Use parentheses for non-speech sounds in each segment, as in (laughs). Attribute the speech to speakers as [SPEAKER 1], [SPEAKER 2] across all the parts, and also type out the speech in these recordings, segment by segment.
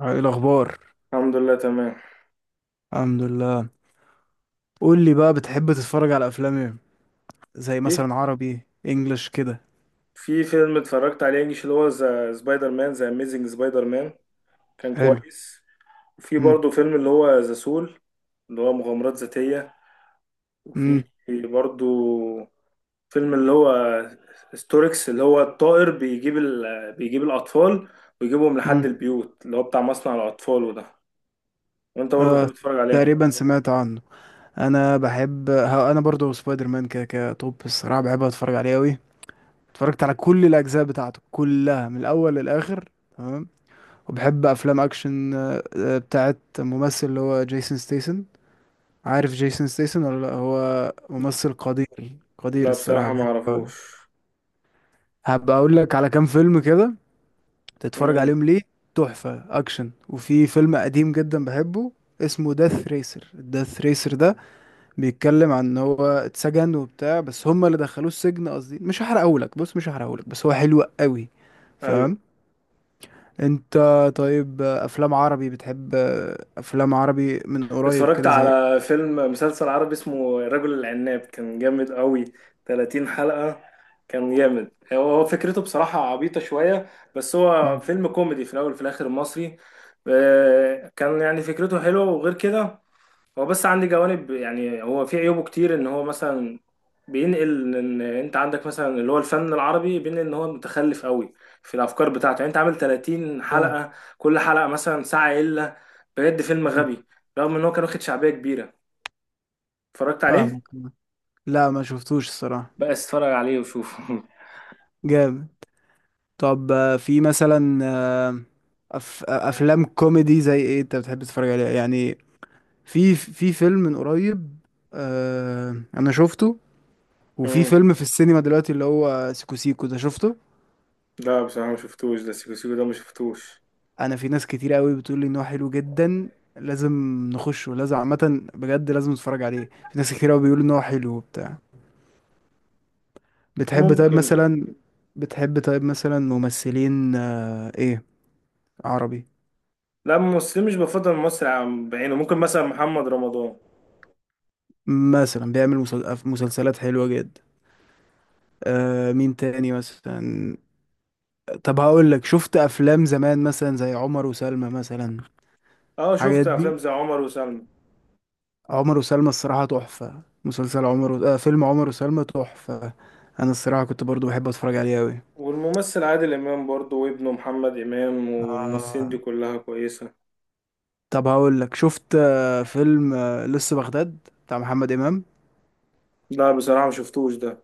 [SPEAKER 1] ايه الاخبار؟
[SPEAKER 2] الحمد لله تمام.
[SPEAKER 1] الحمد لله. قول لي بقى، بتحب تتفرج على افلام ايه؟ زي
[SPEAKER 2] في
[SPEAKER 1] مثلا عربي، انجلش كده.
[SPEAKER 2] في فيلم اتفرجت عليه انجلش اللي هو ذا سبايدر مان، ذا اميزنج سبايدر مان، كان
[SPEAKER 1] حلو.
[SPEAKER 2] كويس. وفي
[SPEAKER 1] امم.
[SPEAKER 2] برضه فيلم اللي هو ذا سول، اللي هو مغامرات ذاتية. وفي
[SPEAKER 1] امم.
[SPEAKER 2] برضه فيلم اللي هو ستوركس، اللي هو الطائر بيجيب الأطفال ويجيبهم لحد
[SPEAKER 1] امم.
[SPEAKER 2] البيوت، اللي هو بتاع مصنع الأطفال وده. وانت برضه
[SPEAKER 1] آه،
[SPEAKER 2] بتحب تتفرج عليه؟
[SPEAKER 1] تقريبا سمعت عنه. انا بحب ها انا برضو سبايدر مان كده كده توب، الصراحه بحب اتفرج عليه قوي. اتفرجت على كل الاجزاء بتاعته كلها من الاول للاخر. تمام. وبحب افلام اكشن، بتاعت ممثل اللي هو جيسون ستيسن. عارف جيسون ستيسن ولا لا هو؟ ممثل قدير قدير،
[SPEAKER 2] لا
[SPEAKER 1] الصراحه
[SPEAKER 2] بصراحة ما
[SPEAKER 1] بحبه أوي.
[SPEAKER 2] اعرفوش.
[SPEAKER 1] هبقى اقول لك على كام فيلم كده تتفرج
[SPEAKER 2] امم
[SPEAKER 1] عليهم ليه. تحفة اكشن. وفي فيلم قديم جدا بحبه، اسمه داث ريسر. الداث ريسر ده بيتكلم عن ان هو اتسجن وبتاع، بس هما اللي دخلوه السجن، قصدي مش هحرقهولك، بص مش هحرقهولك، بس هو حلو قوي.
[SPEAKER 2] ايوه،
[SPEAKER 1] فاهم؟ انت. طيب، افلام عربي بتحب، افلام عربي من قريب
[SPEAKER 2] اتفرجت
[SPEAKER 1] كده زي.
[SPEAKER 2] على فيلم مسلسل عربي اسمه الرجل العناب، كان جامد قوي، 30 حلقة. كان جامد. هو فكرته بصراحة عبيطة شوية، بس هو
[SPEAKER 1] مم.
[SPEAKER 2] فيلم كوميدي في الأول وفي الآخر مصري. كان يعني فكرته حلوة. وغير كده هو بس عندي جوانب، يعني هو في عيوبه كتير، ان هو مثلا بينقل ان انت عندك مثلا اللي هو الفن العربي، بين ان هو متخلف قوي في الافكار بتاعته. يعني انت عامل 30
[SPEAKER 1] فاهم.
[SPEAKER 2] حلقة، كل حلقة مثلا ساعة الا، بجد فيلم غبي، رغم ان هو كان واخد شعبية كبيرة. اتفرجت عليه،
[SPEAKER 1] فاهمك. لا، ما شفتوش الصراحة.
[SPEAKER 2] بقى اتفرج عليه وشوفه. (laughs)
[SPEAKER 1] جامد. طب، في مثلا، افلام كوميدي زي ايه انت بتحب تتفرج عليها يعني؟ في فيلم من قريب، انا شفته. وفي
[SPEAKER 2] امم
[SPEAKER 1] فيلم في السينما دلوقتي اللي هو سيكو سيكو ده، شفته؟
[SPEAKER 2] لا بصراحة ما شفتوش ده، سيكو سيكو ده ما شفتوش.
[SPEAKER 1] انا في ناس كتير قوي بتقول لي ان هو حلو جدا. لازم نخشه، لازم عامه بجد لازم نتفرج عليه، في ناس كتير قوي بيقولوا ان هو حلو وبتاع. بتحب طيب
[SPEAKER 2] ممكن.
[SPEAKER 1] مثلا. بتحب طيب مثلا ممثلين، ايه عربي؟
[SPEAKER 2] لا ممثل مش بفضل مصر عن بعينه، ممكن مثلا محمد رمضان.
[SPEAKER 1] مثلا بيعمل مسلسلات حلوة جدا. مين تاني مثلا؟ طب هقول لك، شفت افلام زمان مثلا زي عمر وسلمى مثلا؟
[SPEAKER 2] اه شفت
[SPEAKER 1] الحاجات دي،
[SPEAKER 2] افلام زي عمر وسلمى.
[SPEAKER 1] عمر وسلمى الصراحة تحفة. مسلسل عمر و... آه فيلم عمر وسلمى تحفة. انا الصراحة كنت برضو بحب اتفرج عليه قوي.
[SPEAKER 2] والممثل عادل امام برضه وابنه محمد امام، والممثلين
[SPEAKER 1] آه.
[SPEAKER 2] دي كلها كويسه.
[SPEAKER 1] طب هقول لك، شفت فيلم لسه بغداد بتاع محمد امام؟
[SPEAKER 2] لا بصراحه ما شفتوش ده.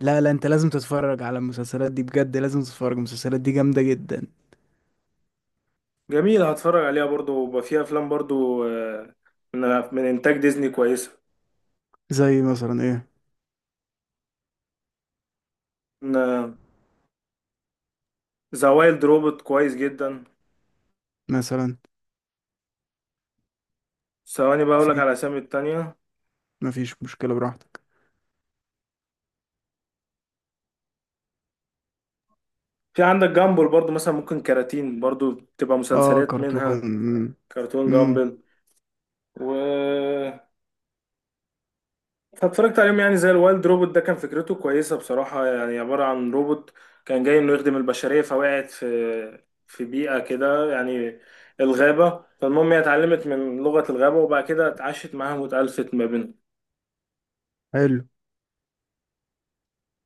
[SPEAKER 1] لا، لا، انت لازم تتفرج على المسلسلات دي، بجد لازم تتفرج، المسلسلات دي جامدة جدا.
[SPEAKER 2] جميل، هتفرج عليها برضه. وبقى فيها افلام برضه من من انتاج ديزني كويسه.
[SPEAKER 1] زي مثلا ايه؟
[SPEAKER 2] ذا وايلد روبوت كويس جدا.
[SPEAKER 1] مثلا.
[SPEAKER 2] ثواني بقى اقولك
[SPEAKER 1] في.
[SPEAKER 2] على اسامي التانية.
[SPEAKER 1] مفيش مشكلة، براحتك.
[SPEAKER 2] في عندك جامبل برضه، مثلا ممكن كراتين برضه تبقى
[SPEAKER 1] اه،
[SPEAKER 2] مسلسلات
[SPEAKER 1] كرتون.
[SPEAKER 2] منها.
[SPEAKER 1] مم.
[SPEAKER 2] كرتون
[SPEAKER 1] مم.
[SPEAKER 2] جامبل. و فاتفرجت عليهم، يعني زي الوايلد روبوت ده كان فكرته كويسة بصراحة. يعني عبارة عن روبوت كان جاي انه يخدم البشرية، فوقعت في بيئة كده، يعني الغابة. فالمهم هي اتعلمت من لغة الغابة، وبعد كده اتعاشت معاهم واتألفت ما بينهم.
[SPEAKER 1] حلو.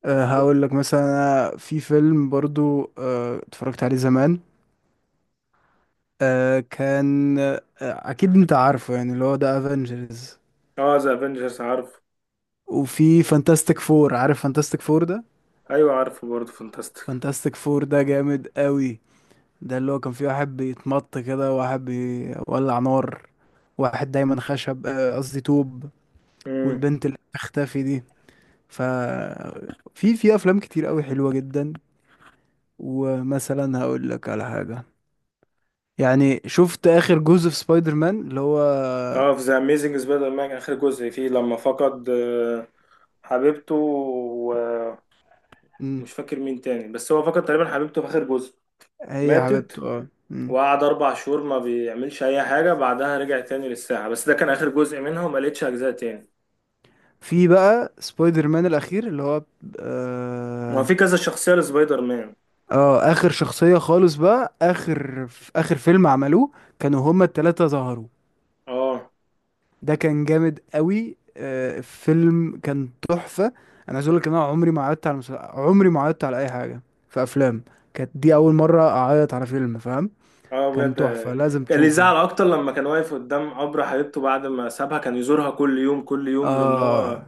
[SPEAKER 1] هقول لك مثلا، أنا في فيلم برضو اتفرجت عليه زمان. كان، اكيد انت عارفه، يعني اللي هو ده افنجرز.
[SPEAKER 2] اه ذا افنجرز عارف.
[SPEAKER 1] وفي فانتاستيك فور، عارف فانتاستيك فور ده؟
[SPEAKER 2] ايوه عارفه برضه فانتاستيك.
[SPEAKER 1] فانتاستيك فور ده جامد قوي. ده اللي هو كان فيه واحد بيتمط كده، وواحد بيولع نار، واحد دايما خشب، قصدي طوب.
[SPEAKER 2] امم.
[SPEAKER 1] والبنت اللي بتختفي دي. ف في افلام كتير قوي حلوه جدا. ومثلا هقول لك على حاجة، يعني شفت آخر جزء في سبايدر مان اللي هو.
[SPEAKER 2] اه في ذا اميزنج سبايدر مان اخر جزء فيه لما فقد حبيبته، ومش
[SPEAKER 1] مم.
[SPEAKER 2] فاكر مين تاني، بس هو فقد تقريبا حبيبته في اخر جزء.
[SPEAKER 1] هي حبيبته،
[SPEAKER 2] ماتت،
[SPEAKER 1] اه. مم.
[SPEAKER 2] وقعد أربع شهور ما بيعملش أي حاجة. بعدها رجع تاني للساحة، بس ده كان آخر جزء منها وما لقيتش أجزاء تاني.
[SPEAKER 1] في بقى سبايدر مان الأخير اللي هو.
[SPEAKER 2] ما
[SPEAKER 1] اه.
[SPEAKER 2] في كذا شخصية لسبايدر مان.
[SPEAKER 1] آخر شخصية خالص، بقى آخر في آخر فيلم عملوه، كانوا هما التلاتة ظهروا.
[SPEAKER 2] اه.
[SPEAKER 1] ده كان جامد قوي، الفيلم كان تحفة. أنا عايز أقول لك إن أنا عمري ما عيطت على أي حاجة في أفلام. كانت دي أول مرة أعيط على فيلم، فاهم؟
[SPEAKER 2] اه
[SPEAKER 1] كان
[SPEAKER 2] بجد.
[SPEAKER 1] تحفة، لازم
[SPEAKER 2] كان اللي
[SPEAKER 1] تشوفه.
[SPEAKER 2] زعل أكتر لما كان واقف قدام قبر حبيبته بعد ما سابها، كان يزورها كل يوم كل يوم لأن
[SPEAKER 1] اه.
[SPEAKER 2] هو،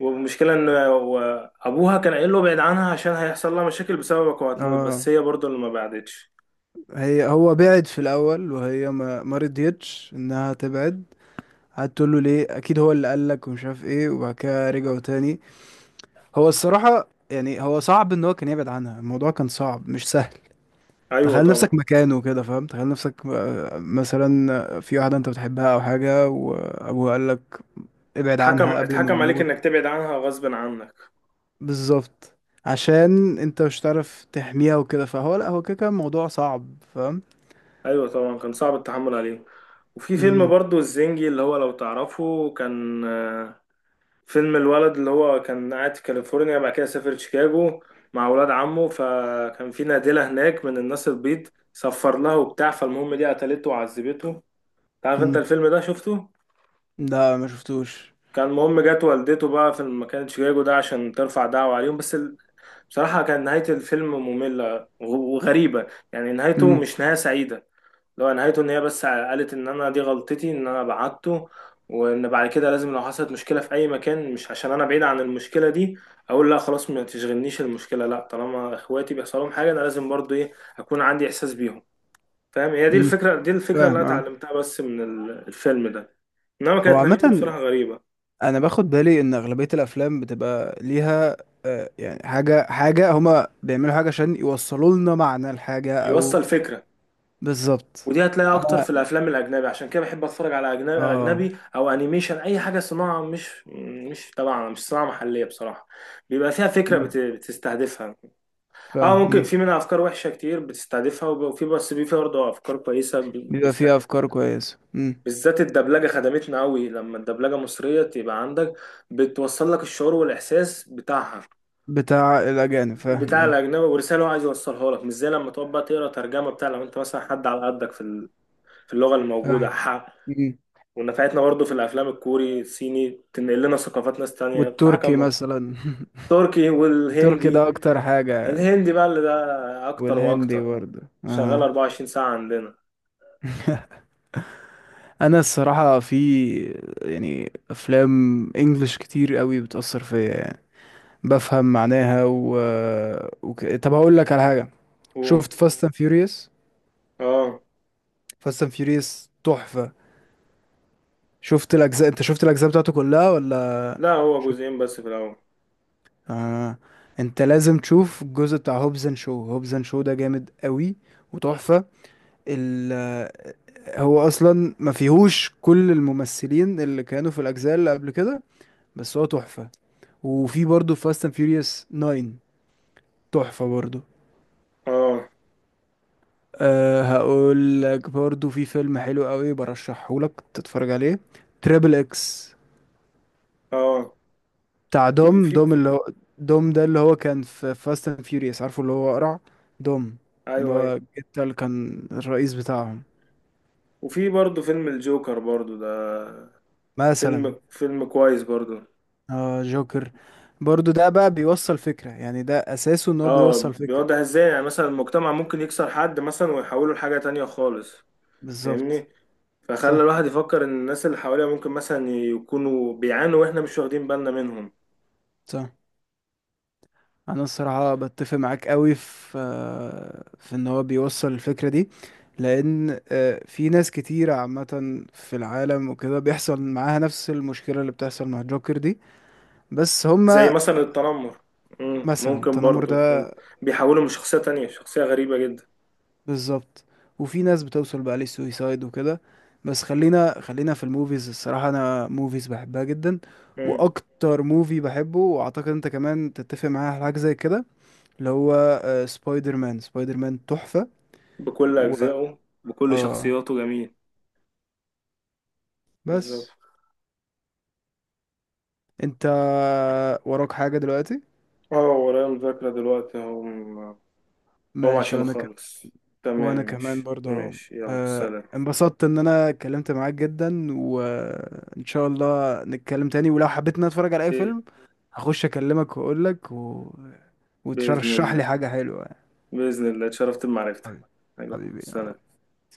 [SPEAKER 2] والمشكلة إن هو أبوها كان قايل له ابعد عنها عشان هيحصل لها مشاكل بسببك وهتموت، بس
[SPEAKER 1] اه.
[SPEAKER 2] هي برضه اللي ما بعدتش.
[SPEAKER 1] هو بعد في الاول، وهي ما رضيتش انها تبعد. قعدت تقول له ليه، اكيد هو اللي قال لك ومش عارف ايه، وبعد كده رجعوا تاني. هو الصراحه، يعني هو صعب ان هو كان يبعد عنها، الموضوع كان صعب مش سهل.
[SPEAKER 2] أيوه
[SPEAKER 1] تخيل نفسك
[SPEAKER 2] طبعا.
[SPEAKER 1] مكانه كده، فاهم؟ تخيل نفسك، مثلا، في واحده انت بتحبها او حاجه، وابوه قال لك ابعد
[SPEAKER 2] اتحكم
[SPEAKER 1] عنها قبل ما
[SPEAKER 2] اتحكم عليك
[SPEAKER 1] يموت.
[SPEAKER 2] إنك تبعد عنها غصب عنك.
[SPEAKER 1] بالظبط. عشان انت مش هتعرف تحميها وكده، فهو لا هو كده كان موضوع صعب، فاهم؟
[SPEAKER 2] أيوه طبعا كان صعب التحمل عليه. وفي فيلم برضو الزنجي، اللي هو لو تعرفه، كان فيلم الولد اللي هو كان قاعد في كاليفورنيا، بعد كده سافر شيكاغو مع ولاد عمه. فكان في نادلة هناك من الناس البيض، سفر لها وبتاع، فالمهم دي قتلته وعذبته. تعرف انت
[SPEAKER 1] امم.
[SPEAKER 2] الفيلم ده شفته؟
[SPEAKER 1] لا، ما شفتوش.
[SPEAKER 2] كان المهم جت والدته بقى في مكان شيكاغو ده عشان ترفع دعوة عليهم، بس بصراحة كان نهاية الفيلم مملة وغريبة. يعني نهايته
[SPEAKER 1] امم.
[SPEAKER 2] مش نهاية سعيدة. لو نهايته ان هي بس قالت ان انا دي غلطتي ان انا بعته، وان بعد كده لازم لو حصلت مشكله في اي مكان مش عشان انا بعيد عن المشكله دي اقول لا خلاص ما تشغلنيش المشكله. لا طالما اخواتي بيحصل لهم حاجه انا لازم برضو ايه، اكون عندي احساس بيهم. فاهم؟ هي دي
[SPEAKER 1] امم.
[SPEAKER 2] الفكره، الفكره اللي
[SPEAKER 1] فاهم.
[SPEAKER 2] انا
[SPEAKER 1] اه.
[SPEAKER 2] اتعلمتها بس من الفيلم ده. انما
[SPEAKER 1] هو
[SPEAKER 2] كانت نهايته
[SPEAKER 1] عامة،
[SPEAKER 2] بصراحه غريبه.
[SPEAKER 1] انا باخد بالي ان اغلبية الافلام بتبقى ليها يعني حاجة حاجة، هما بيعملوا حاجة عشان يوصلوا لنا معنى الحاجة او.
[SPEAKER 2] يوصل فكره.
[SPEAKER 1] بالظبط.
[SPEAKER 2] ودي هتلاقيها اكتر
[SPEAKER 1] انا.
[SPEAKER 2] في الافلام الاجنبي، عشان كده بحب اتفرج على اجنبي،
[SPEAKER 1] اه.
[SPEAKER 2] اجنبي او انيميشن اي حاجه صناعه مش طبعا مش صناعه محليه بصراحه. بيبقى فيها فكره
[SPEAKER 1] امم.
[SPEAKER 2] بتستهدفها. اه
[SPEAKER 1] فاهم.
[SPEAKER 2] ممكن
[SPEAKER 1] امم.
[SPEAKER 2] في منها افكار وحشه كتير بتستهدفها، وفي بس في برضه افكار كويسه
[SPEAKER 1] بيبقى فيها
[SPEAKER 2] بيستهدفها.
[SPEAKER 1] افكار كويسة. امم.
[SPEAKER 2] بالذات الدبلجه خدمتنا قوي، لما الدبلجه مصريه تبقى عندك بتوصل لك الشعور والاحساس بتاعها
[SPEAKER 1] بتاع الاجانب، فاهم،
[SPEAKER 2] بتاع
[SPEAKER 1] اه.
[SPEAKER 2] الاجنبي، ورساله هو عايز يوصلها لك، مش زي لما تقعد بقى تقرا ترجمه بتاع لو انت مثلا حد على قدك في في اللغه الموجوده.
[SPEAKER 1] فاهم. امم.
[SPEAKER 2] ونفعتنا برضو في الافلام الكوري الصيني، تنقل لنا ثقافات ناس تانية بصراحة
[SPEAKER 1] والتركي
[SPEAKER 2] كم.
[SPEAKER 1] مثلا. (laughs)
[SPEAKER 2] تركي
[SPEAKER 1] التركي
[SPEAKER 2] والهندي،
[SPEAKER 1] ده اكتر حاجة.
[SPEAKER 2] الهندي بقى اللي ده اكتر
[SPEAKER 1] والهندي
[SPEAKER 2] واكتر،
[SPEAKER 1] برضه.
[SPEAKER 2] شغال
[SPEAKER 1] اه.
[SPEAKER 2] 24 ساعة عندنا.
[SPEAKER 1] (laughs) انا الصراحه في، يعني افلام انجلش كتير قوي بتاثر فيا يعني، بفهم معناها طب هقول لك على حاجه،
[SPEAKER 2] و...
[SPEAKER 1] شفت فاست اند فيوريوس؟
[SPEAKER 2] اه
[SPEAKER 1] فاست اند فيوريوس تحفه. شفت الاجزاء انت شفت الاجزاء بتاعته كلها ولا؟
[SPEAKER 2] لا هو
[SPEAKER 1] شفت.
[SPEAKER 2] جزئين بس في الاول.
[SPEAKER 1] آه. انت لازم تشوف الجزء بتاع هوبز اند شو، هوبز اند شو ده جامد قوي وتحفه. ال... هو اصلا ما فيهوش كل الممثلين اللي كانوا في الاجزاء اللي قبل كده، بس هو تحفه. وفي برضه فاست اند فيوريوس 9، تحفة برضه.
[SPEAKER 2] اه.
[SPEAKER 1] هقول لك برضه، في فيلم حلو قوي برشحه لك تتفرج عليه، تريبل اكس،
[SPEAKER 2] اه.
[SPEAKER 1] بتاع
[SPEAKER 2] في
[SPEAKER 1] دوم
[SPEAKER 2] في
[SPEAKER 1] دوم اللي هو. دوم ده اللي هو كان في فاست اند فيوريوس، عارفه، اللي هو قرع، دوم، اللي
[SPEAKER 2] ايوه
[SPEAKER 1] هو
[SPEAKER 2] ايوه.
[SPEAKER 1] الجتة اللي كان الرئيس بتاعهم.
[SPEAKER 2] وفي برضو فيلم الجوكر برضو ده،
[SPEAKER 1] مثلا.
[SPEAKER 2] فيلم كويس برضو.
[SPEAKER 1] اه، جوكر، برضه ده بقى بيوصل فكرة، يعني ده اساسه ان هو
[SPEAKER 2] اه
[SPEAKER 1] بيوصل فكرة.
[SPEAKER 2] بيوضح ازاي يعني مثلا المجتمع ممكن يكسر حد مثلا ويحوله لحاجة تانية خالص.
[SPEAKER 1] بالظبط.
[SPEAKER 2] فاهمني؟ فخلى
[SPEAKER 1] صح.
[SPEAKER 2] الواحد يفكر ان الناس اللي حواليه ممكن مثلا يكونوا بيعانوا واحنا مش واخدين بالنا منهم.
[SPEAKER 1] صح. انا الصراحه بتفق معاك قوي في ان هو بيوصل الفكره دي. لان في ناس كتيره عامه في العالم وكده، بيحصل معاها نفس المشكله اللي بتحصل مع جوكر دي. بس
[SPEAKER 2] زي
[SPEAKER 1] هما
[SPEAKER 2] مثلا التنمر.
[SPEAKER 1] مثلا
[SPEAKER 2] ممكن
[SPEAKER 1] التنمر
[SPEAKER 2] برضو،
[SPEAKER 1] ده.
[SPEAKER 2] فاهم؟ بيحولوا من شخصية تانية شخصية غريبة جدا.
[SPEAKER 1] بالظبط. وفي ناس بتوصل بقى للسويسايد وكده. بس خلينا خلينا في الموفيز، الصراحه انا موفيز بحبها جدا.
[SPEAKER 2] مم،
[SPEAKER 1] واكتر موفي بحبه، واعتقد انت كمان تتفق معايا على حاجه زي كده، اللي هو سبايدر مان، سبايدر مان تحفه.
[SPEAKER 2] بكل أجزائه بكل
[SPEAKER 1] اه.
[SPEAKER 2] شخصياته جميل.
[SPEAKER 1] بس
[SPEAKER 2] بالظبط.
[SPEAKER 1] انت، وراك حاجة دلوقتي؟
[SPEAKER 2] اه ورايا مذاكرة دلوقتي. هم
[SPEAKER 1] ماشي،
[SPEAKER 2] عشان
[SPEAKER 1] وانا
[SPEAKER 2] خالص. تمام،
[SPEAKER 1] وانا كمان
[SPEAKER 2] ماشي
[SPEAKER 1] برضه اهو،
[SPEAKER 2] ماشي، يلا سلام.
[SPEAKER 1] انبسطت ان انا اتكلمت معاك جدا، وان شاء الله نتكلم تاني، ولو حبيت ان أنا اتفرج على اي
[SPEAKER 2] إيه؟
[SPEAKER 1] فيلم هخش اكلمك واقول لك
[SPEAKER 2] بإذن
[SPEAKER 1] وترشح لي
[SPEAKER 2] الله.
[SPEAKER 1] حاجة حلوة.
[SPEAKER 2] بإذن الله، اتشرفت بمعرفتك.
[SPEAKER 1] حبيبي.
[SPEAKER 2] أيوة
[SPEAKER 1] حبيبي.
[SPEAKER 2] سلام.